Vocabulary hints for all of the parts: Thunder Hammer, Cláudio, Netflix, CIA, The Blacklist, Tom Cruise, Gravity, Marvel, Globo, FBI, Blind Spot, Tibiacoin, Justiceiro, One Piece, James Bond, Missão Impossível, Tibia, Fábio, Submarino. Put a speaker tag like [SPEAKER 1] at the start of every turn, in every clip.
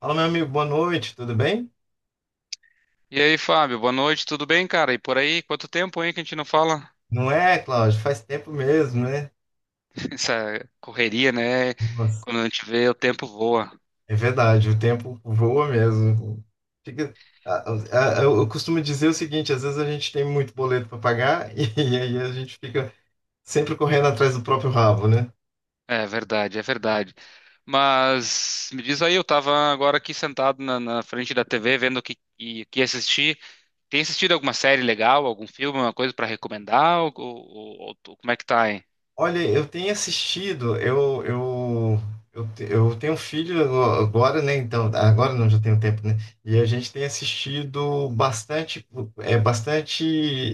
[SPEAKER 1] Fala, meu amigo, boa noite, tudo bem?
[SPEAKER 2] E aí, Fábio, boa noite, tudo bem, cara? E por aí, quanto tempo, hein, que a gente não fala?
[SPEAKER 1] Não é, Cláudio? Faz tempo mesmo, né?
[SPEAKER 2] Essa correria, né?
[SPEAKER 1] Nossa.
[SPEAKER 2] Quando a gente vê, o tempo voa.
[SPEAKER 1] É verdade, o tempo voa mesmo. Fica- eu costumo dizer o seguinte: às vezes a gente tem muito boleto para pagar e, aí a gente fica sempre correndo atrás do próprio rabo, né?
[SPEAKER 2] É verdade, é verdade. Mas me diz aí, eu tava agora aqui sentado na frente da TV vendo o que assistir. Tem assistido alguma série legal, algum filme, alguma coisa pra recomendar? Ou como é que tá, hein?
[SPEAKER 1] Olha, eu tenho assistido, eu tenho um filho agora, né? Então, agora não, já tenho tempo, né? E a gente tem assistido bastante, é bastante,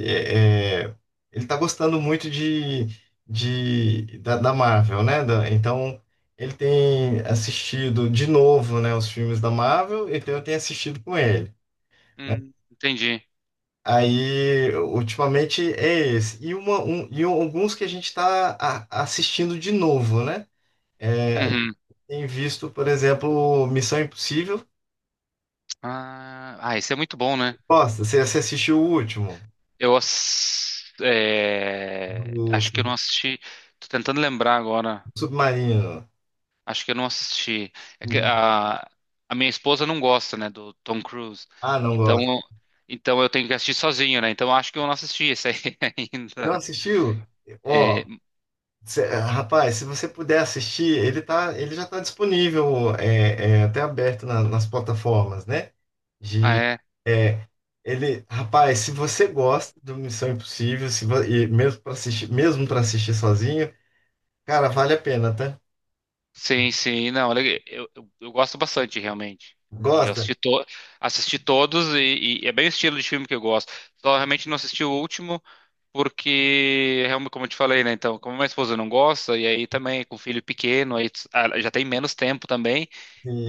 [SPEAKER 1] é, é, ele tá gostando muito da Marvel, né? Então, ele tem assistido de novo, né, os filmes da Marvel, então eu tenho assistido com ele.
[SPEAKER 2] Entendi.
[SPEAKER 1] Aí, ultimamente é esse. E alguns que a gente está assistindo de novo, né? É.
[SPEAKER 2] Uhum.
[SPEAKER 1] Tem visto, por exemplo, Missão Impossível.
[SPEAKER 2] Ah, ah, isso é muito bom, né?
[SPEAKER 1] Gosta? Você assistiu o último,
[SPEAKER 2] É,
[SPEAKER 1] do
[SPEAKER 2] acho que eu não assisti. Tô tentando lembrar agora.
[SPEAKER 1] Submarino?
[SPEAKER 2] Acho que eu não assisti. É que
[SPEAKER 1] Uhum.
[SPEAKER 2] a minha esposa não gosta, né, do Tom Cruise.
[SPEAKER 1] Ah, não
[SPEAKER 2] Então,
[SPEAKER 1] gosta.
[SPEAKER 2] então eu tenho que assistir sozinho, né? Então acho que eu não assisti esse aí
[SPEAKER 1] Não
[SPEAKER 2] ainda.
[SPEAKER 1] assistiu?
[SPEAKER 2] É,
[SPEAKER 1] Ó, rapaz, se você puder assistir, ele já está disponível, até aberto nas plataformas, né?
[SPEAKER 2] ah,
[SPEAKER 1] De,
[SPEAKER 2] é.
[SPEAKER 1] é, ele, rapaz, se você gosta do Missão Impossível, se, vo- e mesmo para assistir sozinho, cara, vale a pena, tá?
[SPEAKER 2] Sim, sim. Não, eu gosto bastante, realmente. E eu
[SPEAKER 1] Gosta?
[SPEAKER 2] assisti, to, assisti todos e, é bem o estilo de filme que eu gosto. Só realmente não assisti o último, porque, realmente, como eu te falei, né? Então, como minha esposa não gosta, e aí também com o filho pequeno, já tem menos tempo também.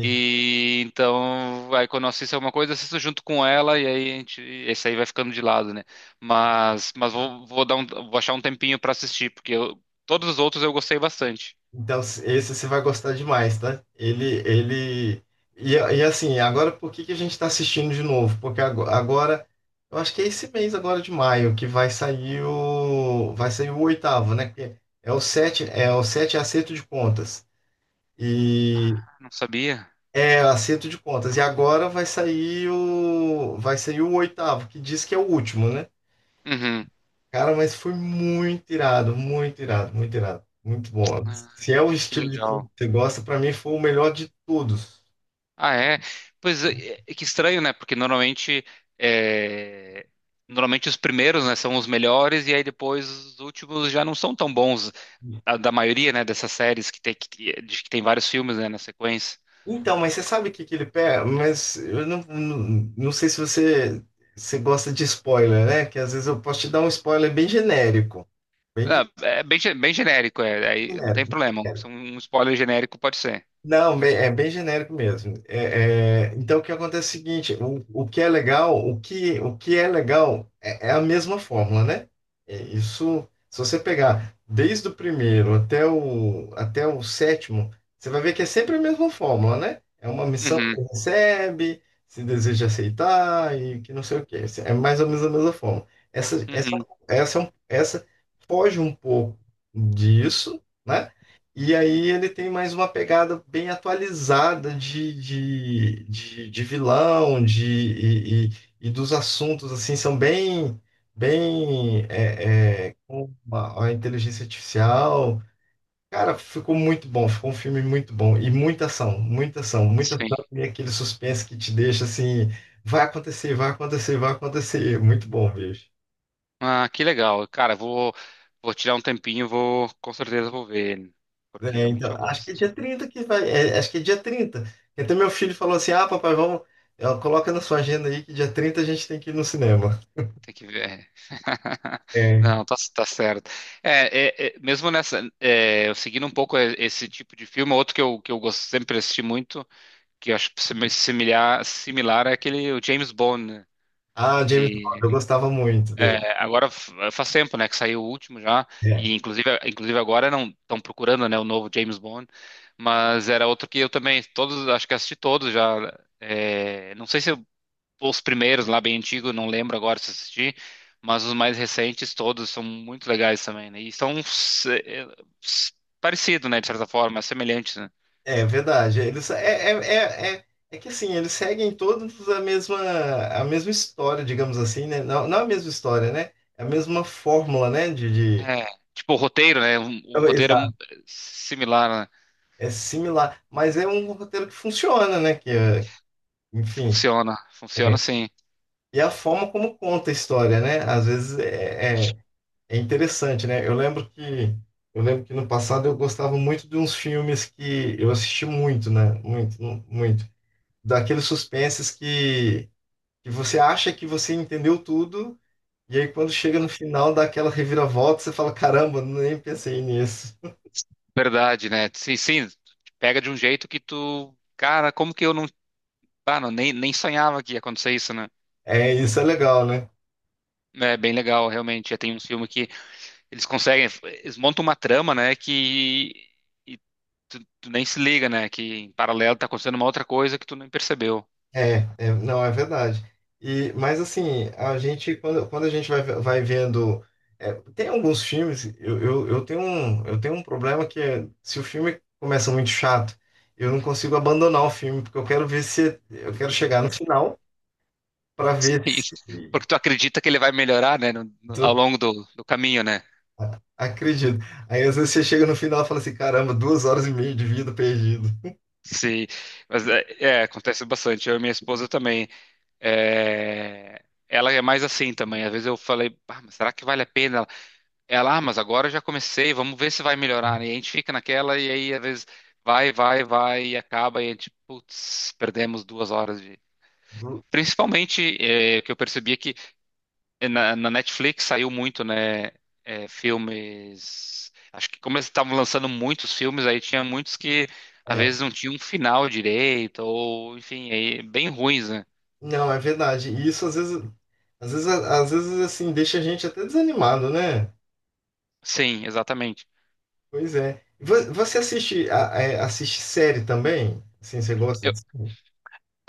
[SPEAKER 2] E então, aí quando eu assisto alguma coisa, eu assisto junto com ela, e aí a gente, esse aí vai ficando de lado, né? Mas vou achar um tempinho pra assistir. Todos os outros eu gostei bastante.
[SPEAKER 1] Então, esse você vai gostar demais, tá? E assim, agora por que que a gente está assistindo de novo? Porque agora, eu acho que é esse mês agora de maio que vai sair o oitavo, né? Que é o 7, é acerto de contas. E...
[SPEAKER 2] Ah, não sabia?
[SPEAKER 1] É, acerto de contas. E agora vai sair o oitavo, que diz que é o último, né?
[SPEAKER 2] Uhum.
[SPEAKER 1] Cara, mas foi muito irado, muito irado, muito irado. Muito bom.
[SPEAKER 2] Ah,
[SPEAKER 1] Se é o
[SPEAKER 2] que
[SPEAKER 1] estilo de filme
[SPEAKER 2] legal.
[SPEAKER 1] que você gosta, pra mim foi o melhor de todos.
[SPEAKER 2] Ah, é? Pois é, é que estranho, né? Porque é, normalmente os primeiros, né, são os melhores e aí depois os últimos já não são tão bons da maioria, né, dessas séries que de que tem vários filmes, né, na sequência.
[SPEAKER 1] Então, mas você sabe o que que ele pega? Mas eu não, não, não sei se você gosta de spoiler, né? Que às vezes eu posso te dar um spoiler bem genérico. Bem
[SPEAKER 2] Não, é bem genérico, é, aí não tem
[SPEAKER 1] genérico.
[SPEAKER 2] problema. Um spoiler genérico pode ser.
[SPEAKER 1] Não, é bem genérico mesmo. Então, o que acontece é o seguinte: o que é legal, o que é legal é, a mesma fórmula, né? É isso, se você pegar desde o primeiro até o sétimo, você vai ver que é sempre a mesma fórmula, né? É uma missão que
[SPEAKER 2] Uhum,
[SPEAKER 1] ele recebe, se deseja aceitar e que não sei o quê. É mais ou menos a mesma fórmula. Essa, essa,
[SPEAKER 2] uhum,
[SPEAKER 1] Essa foge um pouco disso, né? E aí ele tem mais uma pegada bem atualizada de vilão, e dos assuntos, assim, são bem, bem, é, é, com a inteligência artificial. Cara, ficou muito bom, ficou um filme muito bom. E muita ação, muita ação, muita ação
[SPEAKER 2] sim.
[SPEAKER 1] e aquele suspense que te deixa assim, vai acontecer, vai acontecer, vai acontecer. Muito bom, bicho.
[SPEAKER 2] Ah, que legal. Cara, vou tirar um tempinho, vou com certeza vou ver ele, porque
[SPEAKER 1] É,
[SPEAKER 2] realmente
[SPEAKER 1] então,
[SPEAKER 2] eu
[SPEAKER 1] acho que é
[SPEAKER 2] gosto.
[SPEAKER 1] dia 30 que vai. Acho que é dia 30. Então meu filho falou assim: ah, papai, vamos. Ó, coloca na sua agenda aí que dia 30 a gente tem que ir no cinema.
[SPEAKER 2] Tem que ver.
[SPEAKER 1] É.
[SPEAKER 2] Não, tá certo. É, mesmo nessa, eu seguindo um pouco esse tipo de filme, outro que eu gosto, sempre assisti muito, que eu acho que similar é aquele o James Bond, né?
[SPEAKER 1] Ah, James Bond, eu
[SPEAKER 2] E
[SPEAKER 1] gostava muito dele.
[SPEAKER 2] agora faz tempo, né, que saiu o último já,
[SPEAKER 1] É,
[SPEAKER 2] e inclusive agora não estão procurando, né, o novo James Bond, mas era outro que eu também todos, acho que assisti todos já. É, não sei se eu os primeiros lá, bem antigos, não lembro agora se assisti, mas os mais recentes todos são muito legais também, né? E são s- parecidos, né, de certa forma, semelhantes, né?
[SPEAKER 1] é verdade. Eles, é, é, é, é, É que assim, eles seguem todos a mesma história, digamos assim, né? Não, não a mesma história, né? É a mesma fórmula, né?
[SPEAKER 2] É, tipo o roteiro, né? O
[SPEAKER 1] Oh,
[SPEAKER 2] roteiro é
[SPEAKER 1] exato.
[SPEAKER 2] similar, né?
[SPEAKER 1] É similar, mas é um roteiro que funciona, né? Enfim.
[SPEAKER 2] Funciona, funciona
[SPEAKER 1] é,
[SPEAKER 2] sim.
[SPEAKER 1] E a forma como conta a história, né? Às vezes é interessante, né? Eu lembro que no passado eu gostava muito de uns filmes que eu assisti muito, né? Muito, muito. Daqueles suspenses que você acha que você entendeu tudo, e aí quando chega no final dá aquela reviravolta, você fala, caramba, nem pensei nisso.
[SPEAKER 2] Verdade, né? Sim, sim, pega de um jeito que tu, cara, como que eu não, ah, não, nem sonhava que ia acontecer isso, né?
[SPEAKER 1] É, isso é legal, né?
[SPEAKER 2] É bem legal, realmente. Já tem uns filmes que eles conseguem, eles montam uma trama, né, que tu nem se liga, né? Que em paralelo tá acontecendo uma outra coisa que tu nem percebeu.
[SPEAKER 1] Não, é verdade. Mas assim, quando a gente vai, vendo. Tem alguns filmes, eu tenho um problema que é, se o filme começa muito chato, eu não consigo abandonar o filme, porque eu quero ver se. Eu quero chegar no final para ver
[SPEAKER 2] E-
[SPEAKER 1] se.
[SPEAKER 2] Porque tu acredita que ele vai melhorar, né? Ao
[SPEAKER 1] do-
[SPEAKER 2] longo do caminho, né?
[SPEAKER 1] Acredito. Aí às vezes você chega no final e fala assim: caramba, 2 horas e meia de vida perdido.
[SPEAKER 2] Se, Mas é, acontece bastante. Eu e minha esposa também. É, ela é mais assim também. Às vezes eu falei, ah, mas será que vale a pena? Ela, ah, mas agora eu já comecei, vamos ver se vai melhorar. E a gente fica naquela, e aí às vezes vai, vai, vai, e acaba, e a gente, putz, perdemos 2 horas de.
[SPEAKER 1] Du-
[SPEAKER 2] Principalmente, o que eu percebi é que na Netflix saiu muito, né? Filmes. Acho que como eles estavam lançando muitos filmes, aí tinha muitos que às
[SPEAKER 1] É,
[SPEAKER 2] vezes não tinham um final direito, ou enfim, aí, bem ruins, né?
[SPEAKER 1] não, é verdade. E isso às vezes, às vezes assim, deixa a gente até desanimado, né?
[SPEAKER 2] Sim, exatamente.
[SPEAKER 1] Pois é. Você assiste, assiste série também? Assim, você gosta
[SPEAKER 2] Eu-
[SPEAKER 1] de série?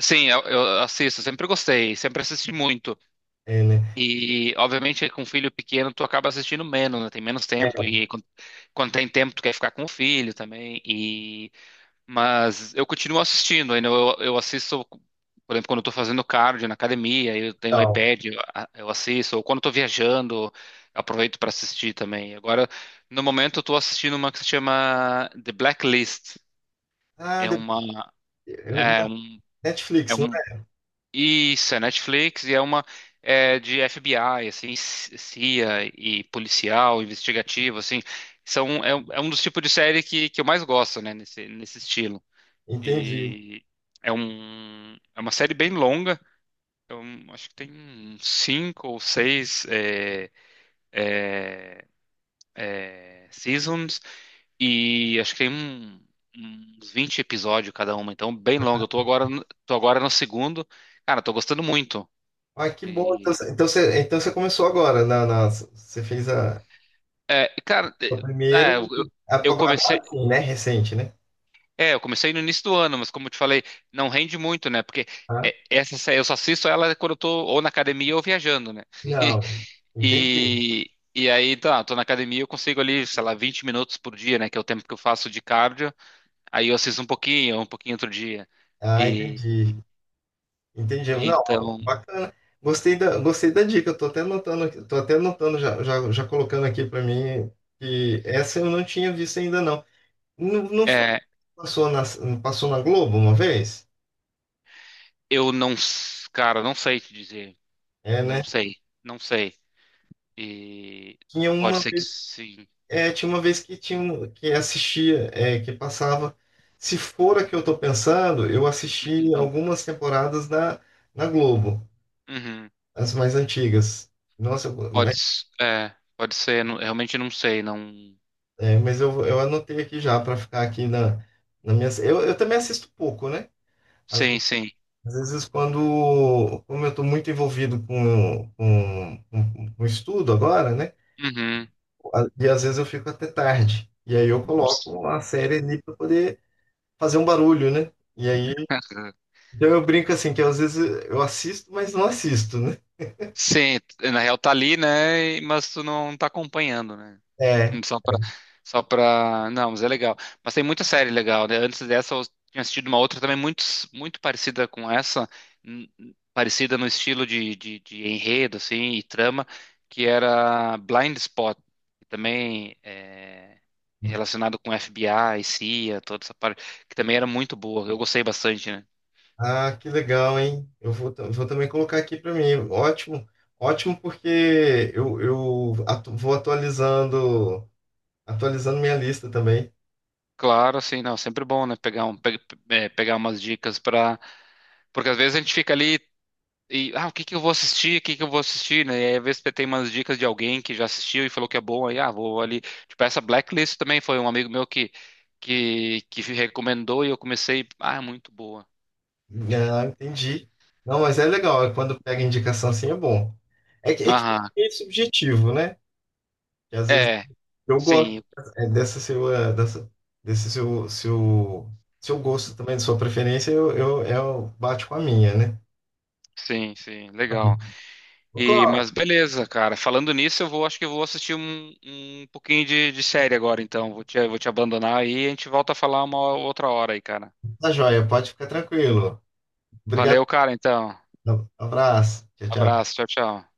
[SPEAKER 2] sim, eu assisto, sempre gostei, sempre assisti muito.
[SPEAKER 1] É, né?
[SPEAKER 2] E obviamente com filho pequeno tu acaba assistindo menos, né? Tem menos tempo.
[SPEAKER 1] É,
[SPEAKER 2] E quando tem tempo, tu quer ficar com o filho também. Mas eu continuo assistindo, ainda eu assisto, por exemplo, quando eu tô fazendo cardio na academia, eu tenho
[SPEAKER 1] tal.
[SPEAKER 2] iPad, eu assisto, ou quando eu tô viajando, eu aproveito para assistir também. Agora, no momento, eu tô assistindo uma que se chama The Blacklist.
[SPEAKER 1] Ah,
[SPEAKER 2] É uma,
[SPEAKER 1] eu-
[SPEAKER 2] é um, é
[SPEAKER 1] Netflix, não
[SPEAKER 2] um, Isso, é Netflix e é uma é de FBI, assim, CIA e policial, investigativo, assim. É um dos tipos de série que eu mais gosto, né, nesse estilo.
[SPEAKER 1] é? Entendi.
[SPEAKER 2] E é uma série bem longa. Eu acho que tem uns cinco ou seis seasons e acho que tem uns 20 episódios cada uma, então bem longa. Eu tô agora, no segundo. Cara, tô gostando muito.
[SPEAKER 1] Ah, que bom. Então,
[SPEAKER 2] E,
[SPEAKER 1] você, então você então você começou agora. Você fez
[SPEAKER 2] cara,
[SPEAKER 1] a primeira.
[SPEAKER 2] é, eu, eu comecei,
[SPEAKER 1] Agora sim, né? Recente, né?
[SPEAKER 2] é, eu comecei no início do ano, mas como eu te falei, não rende muito, né? Porque
[SPEAKER 1] Ah,
[SPEAKER 2] essa série eu só assisto ela quando eu tô ou na academia ou viajando, né?
[SPEAKER 1] não. Entendi.
[SPEAKER 2] E aí, tá, tô na academia, eu consigo ali, sei lá, 20 minutos por dia, né? Que é o tempo que eu faço de cardio. Aí eu assisto um pouquinho outro dia.
[SPEAKER 1] Ah,
[SPEAKER 2] E
[SPEAKER 1] entendi. Entendi. Não,
[SPEAKER 2] então,
[SPEAKER 1] bacana. Gostei da dica. Eu tô até anotando, aqui- Tô até anotando já colocando aqui para mim que essa eu não tinha visto ainda não. Não, não foi
[SPEAKER 2] é,
[SPEAKER 1] que passou na Globo uma vez?
[SPEAKER 2] eu não, cara, não sei te dizer.
[SPEAKER 1] É,
[SPEAKER 2] Não
[SPEAKER 1] né?
[SPEAKER 2] sei, não sei. E
[SPEAKER 1] Tinha
[SPEAKER 2] pode
[SPEAKER 1] uma,
[SPEAKER 2] ser que
[SPEAKER 1] vez-
[SPEAKER 2] sim.
[SPEAKER 1] Tinha uma vez que que assistia, que passava. Se for a que eu tô pensando, eu assisti
[SPEAKER 2] Uhum,
[SPEAKER 1] algumas temporadas na Globo,
[SPEAKER 2] uhum.
[SPEAKER 1] as mais antigas. Nossa.
[SPEAKER 2] Pode ser, realmente não sei, não.
[SPEAKER 1] Mas eu anotei aqui já para ficar aqui na minha. Eu também assisto pouco, né? Às, ve-
[SPEAKER 2] Sim, sim.
[SPEAKER 1] Às vezes, quando. Como eu estou muito envolvido com estudo agora, né?
[SPEAKER 2] Uhum.
[SPEAKER 1] E às vezes eu fico até tarde. E aí eu coloco uma série ali para poder fazer um barulho, né? E aí. Então eu brinco assim, que às vezes eu assisto, mas não assisto, né?
[SPEAKER 2] Sim, na real tá ali, né? Mas tu não tá acompanhando, né?
[SPEAKER 1] É.
[SPEAKER 2] Só pra, só pra. Não, mas é legal. Mas tem muita série legal, né? Antes dessa, eu tinha assistido uma outra também muito, muito parecida com essa, parecida no estilo de, de enredo, assim, e trama, que era Blind Spot, que também é relacionado com FBI, CIA, toda essa parte, que também era muito boa. Eu gostei bastante, né?
[SPEAKER 1] Ah, que legal, hein? Vou também colocar aqui para mim. Ótimo, ótimo, porque vou atualizando, minha lista também.
[SPEAKER 2] Claro, assim, não, sempre bom, né? Pegar um, pe- pe- é, pegar umas dicas para. Porque às vezes a gente fica ali. E, ah, o que que eu vou assistir? O que que eu vou assistir, né? E aí, às vezes você tem umas dicas de alguém que já assistiu e falou que é bom, aí, ah, vou ali. Tipo, essa Blacklist também foi um amigo meu que recomendou e eu comecei, ah, é muito boa.
[SPEAKER 1] Ah, entendi. Não, mas é legal, é quando pega indicação assim é bom. É que
[SPEAKER 2] Aham,
[SPEAKER 1] é subjetivo, né? Que às vezes
[SPEAKER 2] é,
[SPEAKER 1] eu
[SPEAKER 2] sim,
[SPEAKER 1] gosto, é, dessa sua, dessa, desse seu gosto também, de sua preferência, eu bate com a minha, né?
[SPEAKER 2] sim, sim,
[SPEAKER 1] Tá bom.
[SPEAKER 2] legal.
[SPEAKER 1] Ô,
[SPEAKER 2] E,
[SPEAKER 1] Cláudio,
[SPEAKER 2] mas beleza, cara, falando nisso, acho que eu vou assistir um pouquinho de, série agora, então. Vou te abandonar aí e a gente volta a falar uma outra hora aí, cara.
[SPEAKER 1] tá joia, pode ficar tranquilo. Obrigado.
[SPEAKER 2] Valeu, cara, então.
[SPEAKER 1] Abraço. Tchau, tchau.
[SPEAKER 2] Abraço, tchau, tchau.